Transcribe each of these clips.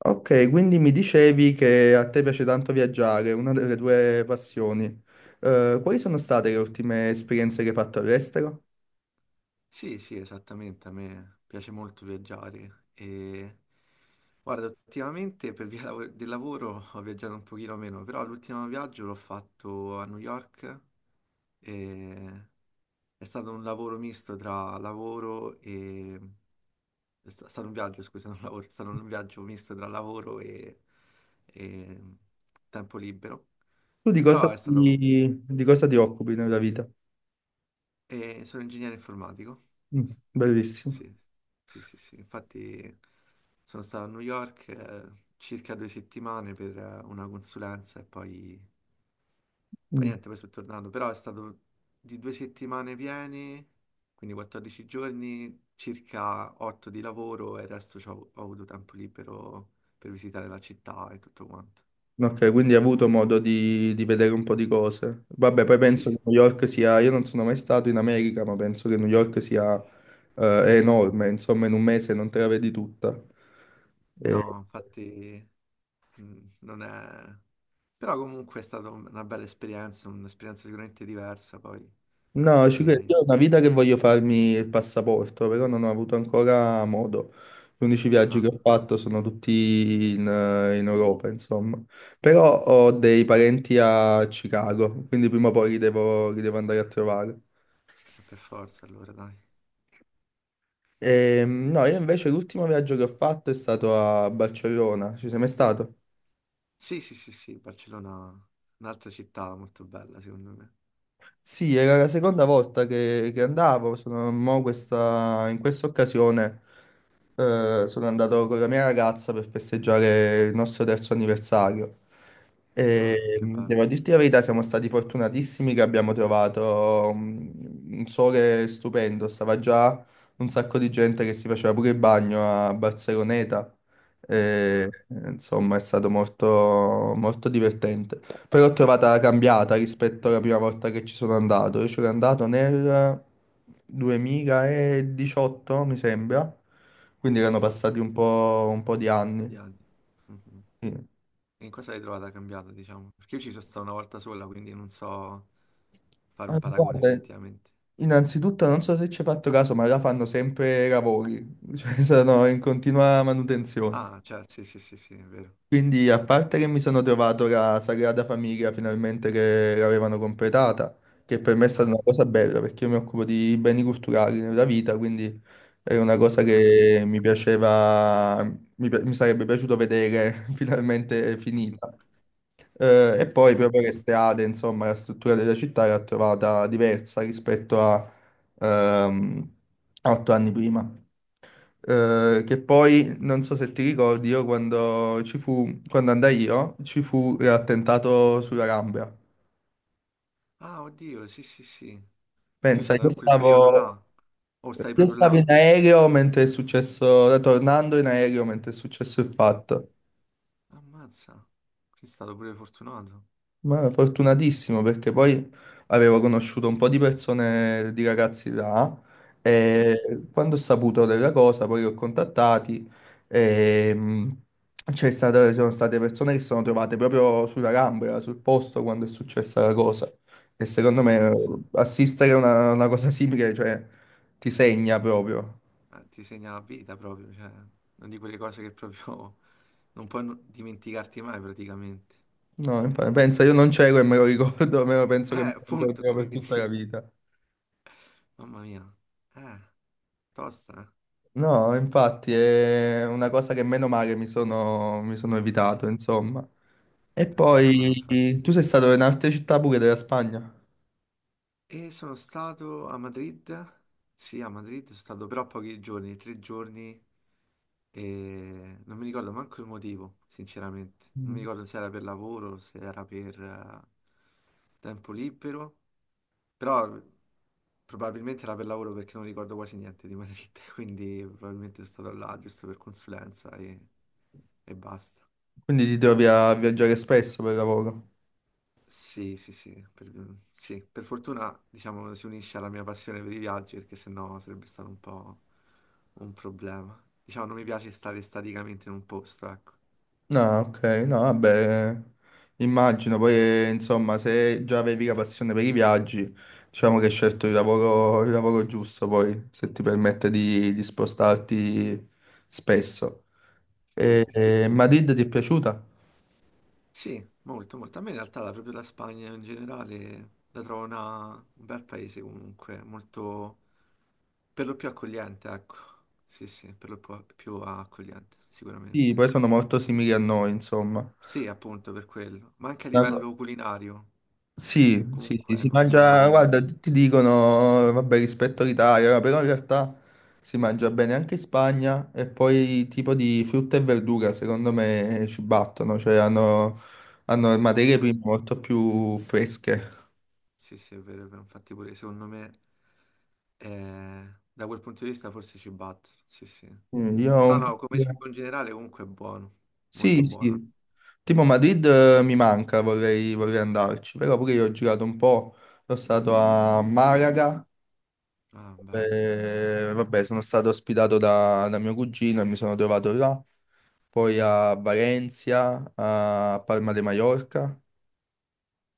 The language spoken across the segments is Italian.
Ok, quindi mi dicevi che a te piace tanto viaggiare, una delle tue passioni. Quali sono state le ultime esperienze che hai fatto all'estero? Sì, sì, esattamente, a me piace molto viaggiare e guarda, ultimamente per via del lavoro ho viaggiato un pochino meno, però l'ultimo viaggio l'ho fatto a New York e è stato un lavoro misto tra lavoro e... È stato un viaggio, scusa, non lavoro, è stato un viaggio misto tra lavoro e tempo libero, Tu di cosa però è stato... ti occupi nella vita? e sono ingegnere informatico. Mm, bellissimo. Sì, sì, sì, sì. Infatti sono stato a New York circa due settimane per una consulenza e poi Mm. niente, poi sono tornato. Però è stato di due settimane piene, quindi 14 giorni, circa 8 di lavoro e il resto ho avuto tempo libero per visitare la città e tutto quanto. Ok, quindi hai avuto modo di vedere un po' di cose. Vabbè, poi Sì, penso che sì. New York sia, io non sono mai stato in America, ma penso che New York sia, è enorme, insomma, in un mese non te la vedi tutta. No, infatti non è... Però comunque è stata una bella esperienza, un'esperienza sicuramente diversa poi. No, ci credo. Io E ho una vita che voglio farmi il passaporto, però non ho avuto ancora modo. Gli unici viaggi che ah, ho fatto sono tutti in Europa, insomma. Però ho dei parenti a Chicago, quindi prima o poi li devo andare a trovare. Per forza allora, dai. No, io invece l'ultimo viaggio che ho fatto è stato a Barcellona. Ci sei mai stato? Sì, sì, sì, sì, Barcellona, è un'altra città molto bella, secondo me. Sì, era la seconda volta che andavo, sono, in questa occasione sono andato con la mia ragazza per festeggiare il nostro terzo anniversario. Ah, E, che bello. devo dirti la verità, siamo stati fortunatissimi che abbiamo trovato un sole stupendo, stava già un sacco di gente che si faceva pure il bagno a Barceloneta, e, Ah, un insomma è stato molto molto divertente. Però l'ho trovata cambiata rispetto alla prima volta che ci sono andato. Io ci sono andato nel 2018, mi sembra. Quindi erano passati un po' di po' anni. di anni. Mhm. Sì. E in cosa l'hai trovata cambiata, diciamo? Perché io ci sono stato una volta sola, quindi non so fare un Ah, paragone guarda, effettivamente. innanzitutto non so se ci hai fatto caso, ma là fanno sempre lavori, cioè sono in continua manutenzione. Ah, certo, sì, sì, sì, sì, è vero. Quindi, a parte che mi sono trovato la Sagrada Famiglia finalmente che l'avevano completata, che per me è stata Ah, una cosa bella perché io mi occupo di beni culturali nella vita, quindi era una cosa ah. che mi piaceva, mi sarebbe piaciuto vedere finalmente finita. E poi Bene, proprio le bene. strade, insomma, la struttura della città l'ho trovata diversa rispetto ehm, a 8 anni prima. Che poi non so se ti ricordi, io quando ci fu, quando andai io, ci fu l'attentato sulla Gambia. Ah, oddio, sì, sì, sì. Tu sei Pensa, io andato in quel periodo stavo, là? O stai io proprio stavo là? in aereo mentre è successo, tornando in aereo mentre è successo il fatto. Ammazza. Sei stato pure fortunato. Ma fortunatissimo perché poi avevo conosciuto un po' di persone, di ragazzi là Mhm. e quando ho saputo della cosa poi li ho contattati e ci sono state persone che si sono trovate proprio sulla gamba, sul posto quando è successa la cosa e secondo me Ammazza. assistere a una cosa simile, cioè ti segna proprio. Ma ti segna la vita proprio, cioè, una di quelle cose che proprio non puoi non- dimenticarti mai praticamente. No, infatti, pensa, io non c'ero e me lo ricordo, me lo penso che me lo Appunto, ricorderò per quindi, tutta la vita. mamma mia, eh, tosta, eh. No, infatti è una cosa che meno male mi sono Ti- evitato, insomma. E per fortuna infatti. poi tu sei stato in altre città pure della Spagna. E sono stato a Madrid, sì, a Madrid, sono stato però pochi giorni, tre giorni, e non mi ricordo manco il motivo, sinceramente. Non mi Mm. ricordo se era per lavoro, se era per tempo libero. Però probabilmente era per lavoro perché non ricordo quasi niente di Madrid, quindi probabilmente sono stato là giusto per consulenza e basta. Quindi ti trovi a viaggiare spesso per lavoro. Sì, sì, sì, per fortuna diciamo si unisce alla mia passione per i viaggi perché sennò sarebbe stato un po' un problema. Diciamo non mi piace stare staticamente in un posto, ecco. No, ok, no, vabbè, immagino, poi insomma se già avevi la passione per i viaggi, diciamo che hai scelto il lavoro giusto poi, se ti permette di spostarti spesso. Sì, E, sì, sì. e Madrid ti è piaciuta? Sì, molto, molto. A me in realtà proprio la Spagna in generale la trovo un bel paese comunque, molto. Per lo più accogliente, ecco. Sì, sì, per lo più accogliente, Sì, sicuramente. poi sono molto simili a noi, insomma. Sì, appunto, per quello. Ma anche a Una co- livello culinario. Sì, sì, sì, Comunque si non mangia, sono... guarda, tutti dicono, vabbè, rispetto all'Italia, no, però in realtà si mangia bene anche in Spagna e poi tipo di frutta e verdura, secondo me, ci battono, cioè hanno materie Vero. prime molto più fresche. Sì, sì, è vero, è vero. Infatti pure secondo me, eh, da quel punto di vista forse ci batto. Sì, sì. Mm, io ho Però un po'. no, come cibo in generale comunque è buono. Molto Sì, buono. sì. Tipo Madrid mi manca, vorrei andarci, però pure io ho girato un po', sono stato a Malaga. Ah, bello. Vabbè, sono stato ospitato da mio cugino e mi sono trovato là, poi a Valencia, a Palma de Mallorca,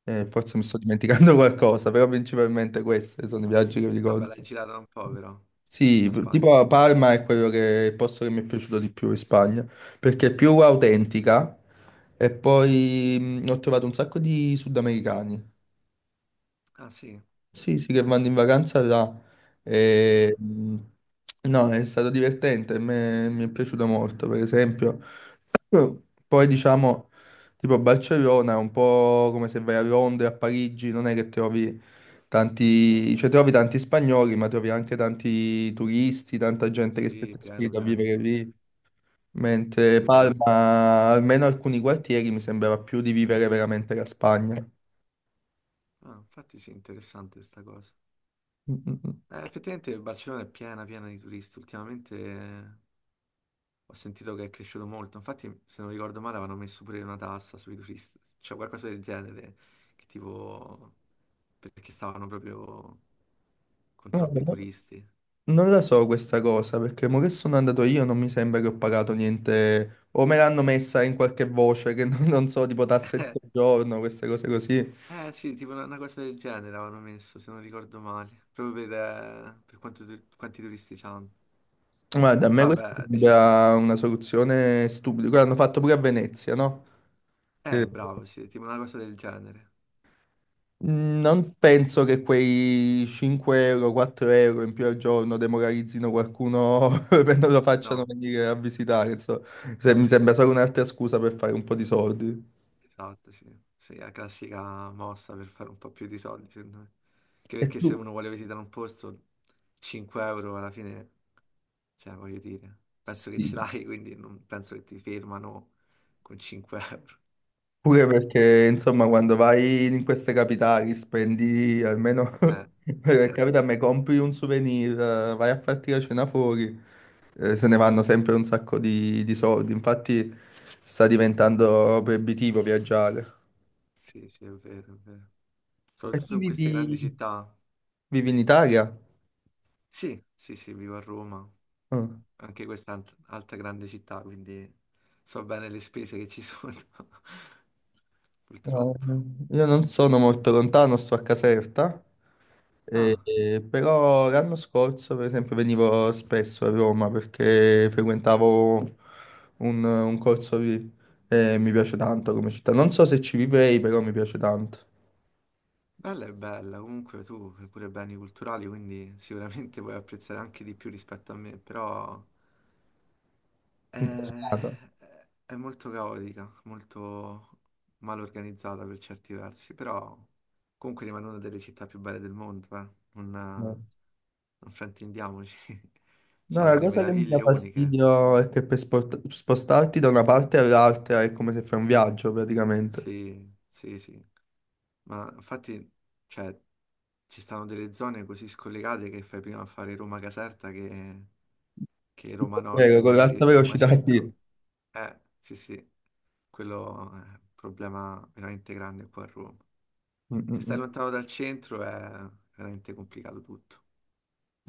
forse mi Mm. sto dimenticando qualcosa, però principalmente questi sono i viaggi che Vabbè, ricordo. l'hai girata un po' però, Sì, la p- Spagna. tipo a Parma è quello che, il posto che mi è piaciuto di più in Spagna, perché è più autentica e poi ho trovato un sacco di sudamericani, Ah, sì. sì, sì, che vanno in vacanza là. Ah, E, no, è stato divertente, mi è piaciuto molto, per esempio. Poi diciamo, tipo Barcellona è un po' come se vai a Londra, a Parigi, non è che trovi tanti, cioè trovi tanti spagnoli, ma trovi anche tanti turisti, tanta gente che si è sì, piano, trasferita a piano, vivere proprio. lì. Mentre Sì, è vero. Palma, almeno alcuni quartieri, mi sembrava più di vivere veramente la Spagna. Ah, infatti sì, interessante questa cosa. Mm, Effettivamente Barcellona è piena piena di turisti. Ultimamente ho sentito che è cresciuto molto. Infatti, se non ricordo male, avevano messo pure una tassa sui turisti. Cioè qualcosa del genere. Che tipo... Perché stavano proprio con mm, troppi mm. turisti. Non la so questa cosa, perché mo che sono andato io non mi sembra che ho pagato niente, o me l'hanno messa in qualche voce che non so, tipo tasse di soggiorno, queste cose così. Sì, tipo una cosa del genere avevano messo, se non ricordo male. Proprio per quanto quanti turisti c'hanno. Guarda, a me Però questa vabbè, diciamo... sembra una soluzione stupida, quello hanno fatto pure a Venezia, no? Che- bravo, sì, tipo una cosa del genere. Mm, non penso che quei 5 euro, 4 euro in più al giorno demoralizzino qualcuno per non lo facciano No. venire a visitare, insomma. Mi sembra solo un'altra scusa per fare un po' di soldi. Esatto, sì. Sì, è la classica mossa per fare un po' più di soldi, secondo me. Anche E perché tu? se uno vuole visitare un posto, 5 euro alla fine, cioè, voglio dire, penso che ce Sì. l'hai, quindi non penso che ti fermano con 5 euro. Pure perché, insomma, quando vai in queste capitali, spendi almeno, Eh, per eh, capita, me compri un souvenir, vai a farti la cena fuori, se ne vanno sempre un sacco di soldi. Infatti sta diventando proibitivo viaggiare. sì, sì, è vero, è vero. E tu Soprattutto in queste vivi, grandi città. vivi in Italia? Sì, sì, sì, vivo a Roma, Ah. anche questa è altra grande città, quindi so bene le spese che ci sono, No, purtroppo. io non sono molto lontano, sto a Caserta, Ah. Però l'anno scorso, per esempio, venivo spesso a Roma perché frequentavo un corso lì e mi piace tanto come città. Non so se ci vivrei, però mi piace tanto. Bella è bella, comunque tu fai pure beni culturali, quindi sicuramente puoi apprezzare anche di più rispetto a me, però è, Incasinato. è molto caotica, molto mal organizzata per certi versi, però comunque rimane una delle città più belle del mondo, eh. No, Non, non fraintendiamoci, no, c'ha la delle cosa che mi dà meraviglie uniche, fastidio è che per spostarti da una parte all'altra è come se fai un viaggio praticamente. sì, sì, sì, ma infatti cioè, ci stanno delle zone così scollegate che fai prima a fare Roma-Caserta che... Che Roma Nord, Vero, con l'alta magari Roma velocità sì. Centro. Sì, sì, quello è un problema veramente grande qua a Roma. Mm, Se mm, stai mm. lontano dal centro è veramente complicato tutto.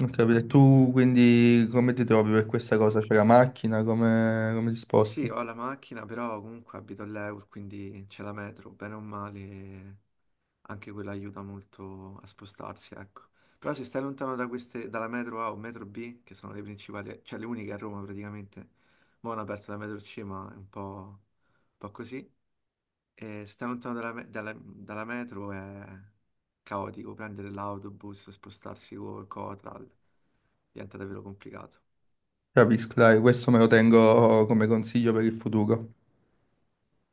Ho capito. E tu quindi come ti trovi per questa cosa? C'è la macchina? Come ti Sì, sposti? ho la macchina, però comunque abito all'Eur, quindi c'è la metro, bene o male, anche quella aiuta molto a spostarsi, ecco. Però se stai lontano da queste, dalla metro A o metro B, che sono le principali, cioè le uniche a Roma praticamente, mo' hanno aperto la metro C, ma è un po' così. E stare lontano dalla, dalla metro è caotico, prendere l'autobus, spostarsi col Coral diventa davvero complicato. Capisco, dai, questo me lo tengo come consiglio per il futuro.